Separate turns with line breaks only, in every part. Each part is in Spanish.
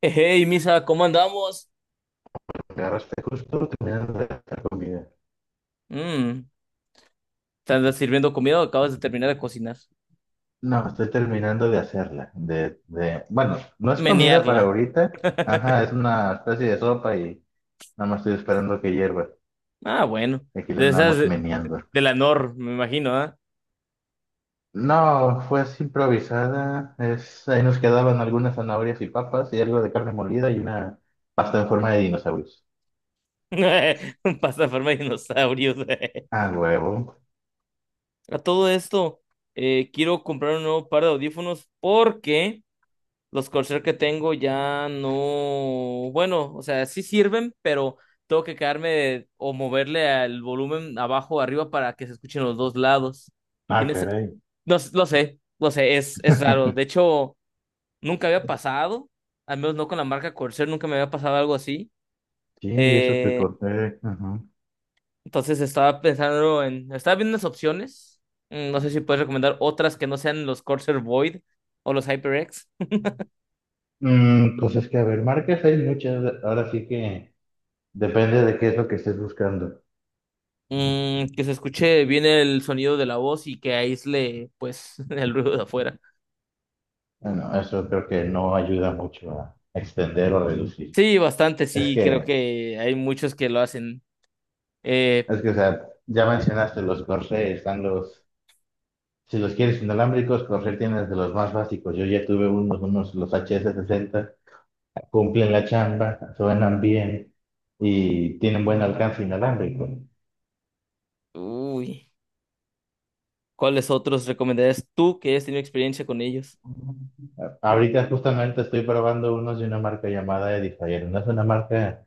Hey, Misa, ¿cómo andamos?
Agarraste justo terminando de hacer comida.
Mm, ¿te andas sirviendo comida o acabas de terminar de cocinar?
No, estoy terminando de hacerla. Bueno, no es comida para
Menearla.
ahorita. Ajá, es una especie de sopa y nada más estoy esperando que hierva.
Ah, bueno.
Y aquí le
De esas
andamos meneando.
de la Nor, me imagino, ¿ah?
No, fue así improvisada. Ahí nos quedaban algunas zanahorias y papas y algo de carne molida y una pasta en forma de dinosaurios.
Un pasta en forma de dinosaurios.
Ah, huevo.
A todo esto, quiero comprar un nuevo par de audífonos porque los Corsair que tengo ya no. Bueno, o sea, sí sirven, pero tengo que quedarme o moverle el volumen abajo o arriba para que se escuchen los dos lados.
Ah,
¿Tienes?
caray.
No, lo sé, es raro. De hecho, nunca había pasado, al menos no con la marca Corsair, nunca me había pasado algo así.
Sí, y eso que
Eh,
corté. Ajá.
entonces estaba viendo unas opciones. No sé si puedes recomendar otras que no sean los Corsair Void o los HyperX.
Mm, pues es que, a ver, marcas hay muchas. Ahora sí que. Depende de qué es lo que estés buscando.
Que se escuche bien el sonido de la voz y que aísle, pues, el ruido de afuera.
Bueno, eso creo que no ayuda mucho a extender o reducir.
Sí, bastante,
Es
sí, creo
que,
que hay muchos que lo hacen. Eh,
es que, o sea, ya mencionaste los Corsair, si los quieres inalámbricos, Corsair tienes de los más básicos. Yo ya tuve los HS60, cumplen la chamba, suenan bien y tienen buen alcance inalámbrico.
Uy, ¿cuáles otros recomendarías tú que hayas tenido experiencia con ellos?
Ahorita justamente estoy probando unos de una marca llamada Edifier. No es una marca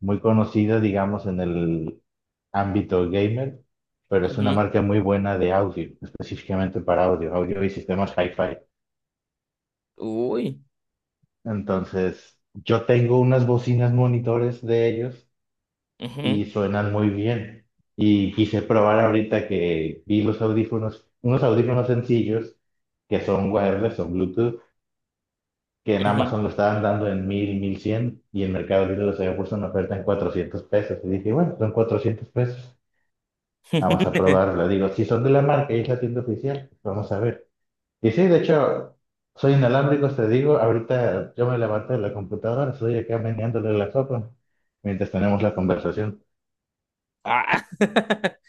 muy conocida, digamos, en el ámbito gamer, pero es una
Ujú.
marca muy buena de audio, específicamente para audio y sistemas hi-fi.
Uy.
Entonces, yo tengo unas bocinas monitores de ellos y
Ujú,
suenan muy bien. Y quise probar ahorita que vi los audífonos, unos audífonos sencillos que son wireless, son Bluetooth, que en
ujú.
Amazon lo estaban dando en 1000, 1100 y en Mercado Libre los había puesto en oferta en 400 pesos. Y dije, bueno, son 400 pesos. Vamos a probarla. Digo, si son de la marca y es la tienda oficial, vamos a ver. Y sí, de hecho, soy inalámbrico, te digo. Ahorita yo me levanté de la computadora, estoy acá meneándole la sopa mientras tenemos la conversación.
Ah.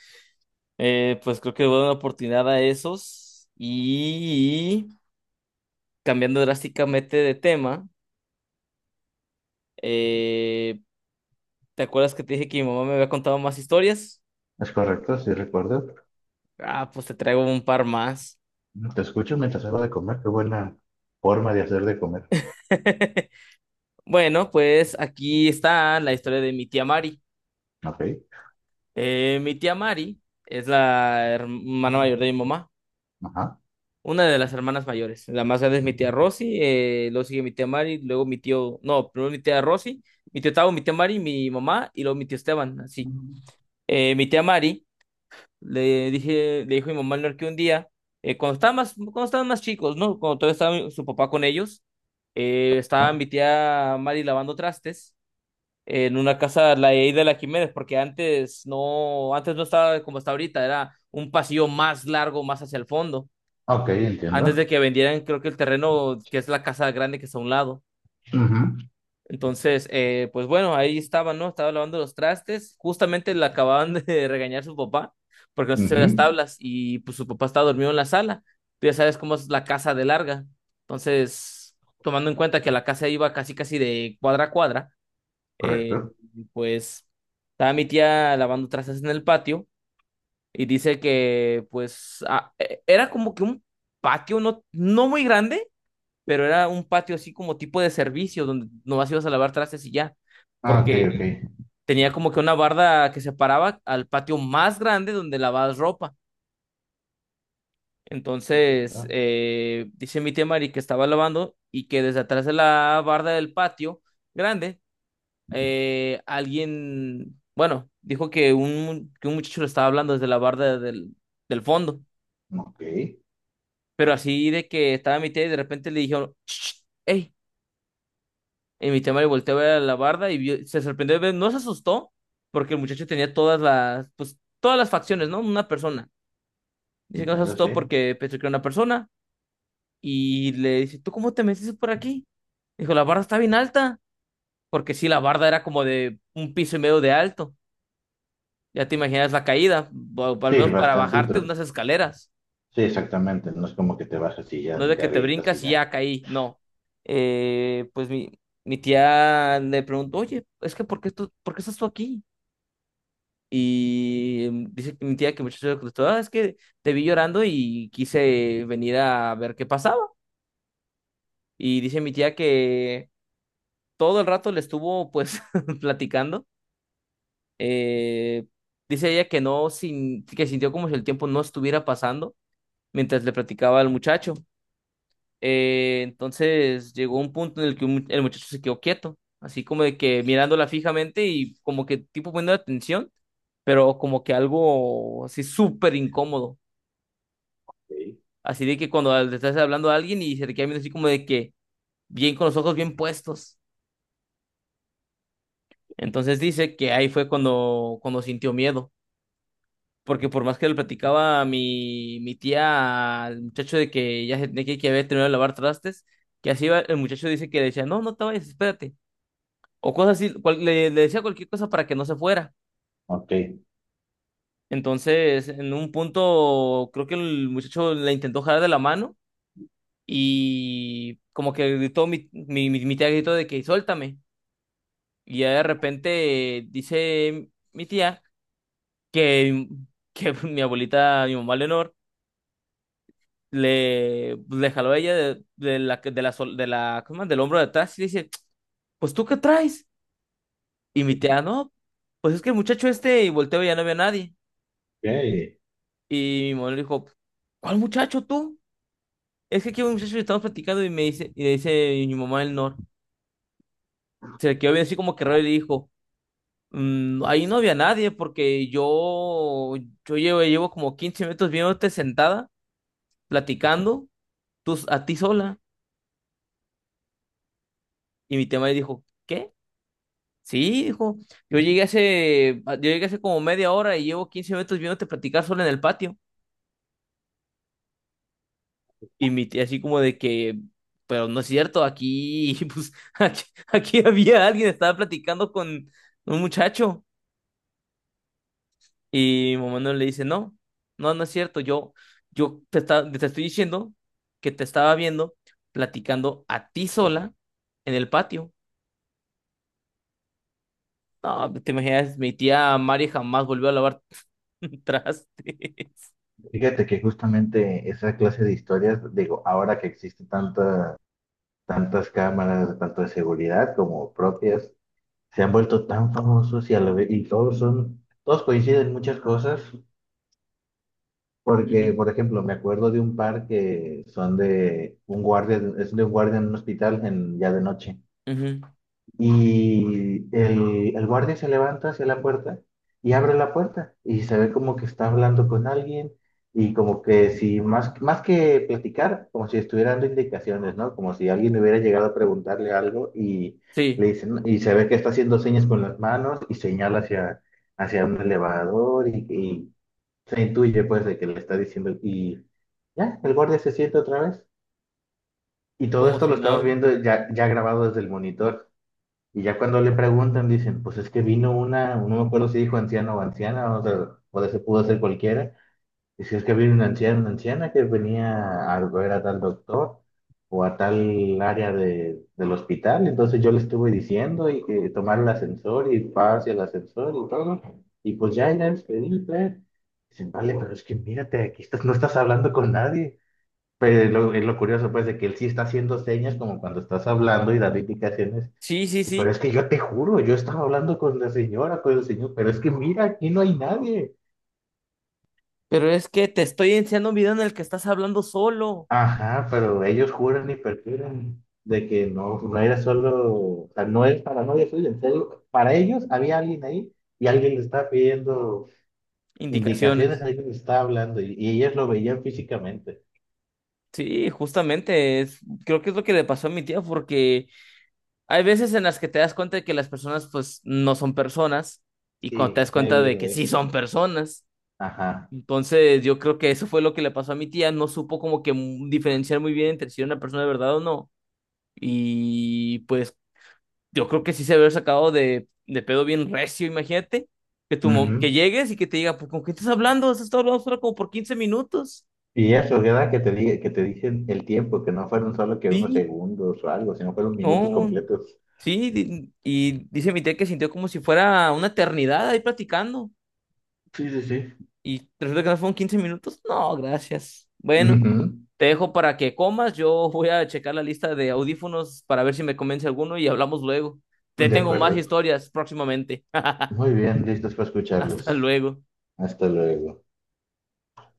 Pues creo que voy a dar una oportunidad a esos. Y cambiando drásticamente de tema, eh, ¿te acuerdas que te dije que mi mamá me había contado más historias?
Es correcto, sí recuerdo.
Ah, pues te traigo un par más.
Te escucho mientras hago de comer. Qué buena forma de hacer de comer.
Bueno, pues aquí está la historia de mi tía Mari.
Ok.
Mi tía Mari es la hermana mayor de mi mamá.
Ajá.
Una de las hermanas mayores. La más grande es mi tía Rosy, luego sigue mi tía Mari, luego mi tío, no, primero mi tía Rosy, mi tío Tavo, mi tía Mari, mi mamá y luego mi tío Esteban, así. Mi tía Mari, le dije, le dijo a mi mamá al que un día, cuando estaban más chicos, ¿no? Cuando todavía estaba su papá con ellos, estaba
¿No?
mi tía Mari lavando trastes en una casa, la de ahí de la Jiménez, porque antes no estaba como está ahorita, era un pasillo más largo, más hacia el fondo
Ok,
antes de
entiendo.
que vendieran, creo que el terreno, que es la casa grande que está a un lado.
Ujú,
Entonces, pues bueno, ahí estaba, ¿no? Estaba lavando los trastes. Justamente le acababan de regañar su papá porque no se hacía las
ujú.
tablas y pues su papá estaba dormido en la sala. Tú ya sabes cómo es la casa de larga. Entonces, tomando en cuenta que la casa iba casi casi de cuadra a cuadra, eh,
Correcto.
pues estaba mi tía lavando trastes en el patio y dice que pues era como que un patio no muy grande, pero era un patio así como tipo de servicio, donde nomás ibas a lavar trastes y ya,
Ah, ok,
porque
ok.
tenía como que una barda que separaba al patio más grande donde lavabas ropa. Entonces,
Entiendo.
dice mi tía Mari que estaba lavando y que desde atrás de la barda del patio grande, alguien, bueno, dijo que que un muchacho le estaba hablando desde la barda del fondo,
Ok.
pero así de que estaba mi tía y de repente le dijeron, hey, y mi tema le volteó a ver a la barda y se sorprendió, no se asustó, porque el muchacho tenía todas las, pues, todas las facciones, ¿no? Una persona. Dice que no se
Entiendo,
asustó
sí.
porque pensó que era una persona y le dice, ¿tú cómo te metiste por aquí? Dijo, la barda está bien alta, porque sí, la barda era como de un piso y medio de alto. Ya te imaginas la caída, o al
Sí,
menos para bajarte
bastantito.
unas escaleras.
Sí, exactamente. No es como que te bajas y
No
ya
es de
te
que te
avientas y
brincas y
ya.
ya caí, no. Pues mi tía le preguntó, oye, es que ¿por qué, tú, por qué estás tú aquí? Y dice que mi tía que el muchacho se contestó, "Ah, es que te vi llorando y quise venir a ver qué pasaba". Y dice mi tía que todo el rato le estuvo pues platicando. Eh, dice ella que no, sin, que sintió como si el tiempo no estuviera pasando mientras le platicaba al muchacho. Entonces llegó un punto en el que el muchacho se quedó quieto, así como de que mirándola fijamente y como que tipo poniendo atención, pero como que algo así súper incómodo.
Ok.
Así de que cuando le estás hablando a alguien y se te queda viendo así como de que bien, con los ojos bien puestos. Entonces dice que ahí fue cuando sintió miedo. Porque por más que le platicaba a mi tía al muchacho de que ya se tenía que había terminado de lavar trastes, que así iba, el muchacho dice que le decía, no, no te vayas, espérate. O cosas así, le decía cualquier cosa para que no se fuera.
Ok.
Entonces, en un punto, creo que el muchacho le intentó jalar de la mano y como que gritó, mi tía gritó de que suéltame. Y ya de repente, dice mi tía que, que mi abuelita, mi mamá Leonor, le, pues, le jaló a ella de la, ¿cómo se llama?, del hombro de atrás y le dice, pues ¿tú qué traes? Y mi tía, no, pues es que el muchacho este, y volteo y ya no había nadie.
Ok.
Y mi mamá le dijo, ¿cuál muchacho tú? Es que aquí hay un muchacho que estamos platicando y me dice, y le dice mi mamá Leonor, se le quedó bien así como que raro y le dijo, Mm, ahí no había nadie porque yo llevo como 15 minutos viéndote sentada, platicando, tú, a ti sola. Y mi tema dijo, ¿qué? Sí, dijo, yo llegué hace como media hora y llevo 15 minutos viéndote platicar sola en el patio. Y mi tía así como de que, pero no es cierto, aquí, pues, aquí había alguien, estaba platicando con un muchacho. Y Momón le dice, no, no, no es cierto, yo te estoy diciendo que te estaba viendo platicando a ti sola en el patio. No, te imaginas, mi tía Mari jamás volvió a lavar trastes.
Fíjate que justamente esa clase de historias, digo, ahora que existen tantas cámaras, tanto de seguridad como propias, se han vuelto tan famosos y, y todos coinciden en muchas cosas,
Ujú,
porque, por ejemplo, me acuerdo de un par que son de un guardia, es de un guardia en un hospital en, ya de noche.
ujú.
Y el guardia se levanta hacia la puerta y abre la puerta y se ve como que está hablando con alguien y como que si más, más que platicar, como si estuviera dando indicaciones, ¿no? Como si alguien hubiera llegado a preguntarle algo y le
Sí,
dicen, y se ve que está haciendo señas con las manos y señala hacia un elevador y se intuye pues de que le está diciendo y ya, el guardia se siente otra vez. Y todo
como
esto lo
si
estamos
nada.
viendo ya grabado desde el monitor. Y ya cuando le preguntan, dicen, pues es que vino una, no me acuerdo si dijo anciano o anciana, o sea, puede ser, pudo ser cualquiera. Y si es que vino una anciana que venía a ver a tal doctor o a tal área de, del hospital. Entonces yo le estuve diciendo y que tomar el ascensor y pase el ascensor y todo. Y pues ya en el. Dicen, vale, pero es que mírate, aquí estás, no estás hablando con nadie. Pero es lo curioso, pues, de que él sí está haciendo señas como cuando estás hablando y da indicaciones,
Sí, sí,
pero es
sí,
que yo te juro, yo estaba hablando con la señora, con el señor, pero es que mira, aquí no hay nadie.
pero es que te estoy enseñando un video en el que estás hablando solo.
Ajá, pero ellos juran y perjuran de que no, no era solo, o sea, no es para novia suya, en serio, para ellos había alguien ahí y alguien le estaba pidiendo indicaciones,
Indicaciones.
alguien le estaba hablando y ellos lo veían físicamente.
Sí, justamente, creo que es lo que le pasó a mi tía porque... Hay veces en las que te das cuenta de que las personas pues no son personas, y cuando te
Sí,
das
no he
cuenta de
oído
que sí
eso.
son personas.
Ajá.
Entonces yo creo que eso fue lo que le pasó a mi tía, no supo como que diferenciar muy bien entre si era una persona de verdad o no. Y pues yo creo que sí se había sacado de pedo bien recio, imagínate, que que
Ujú.
llegues y que te diga, "Pues, ¿con qué estás hablando? Has estado hablando solo como por 15 minutos".
Y eso, ¿verdad? Que te dicen el tiempo, que no fueron solo que unos
Sí,
segundos o algo, sino fueron minutos
no,
completos.
sí, y dice mi tía que sintió como si fuera una eternidad ahí platicando.
Sí, sí, sí.
Y resulta que no fueron 15 minutos. No, gracias. Bueno,
Ujú.
te dejo para que comas. Yo voy a checar la lista de audífonos para ver si me convence alguno y hablamos luego. Te
De
tengo más
acuerdo.
historias próximamente.
Muy bien, listos para
Hasta
escucharlos.
luego.
Hasta luego.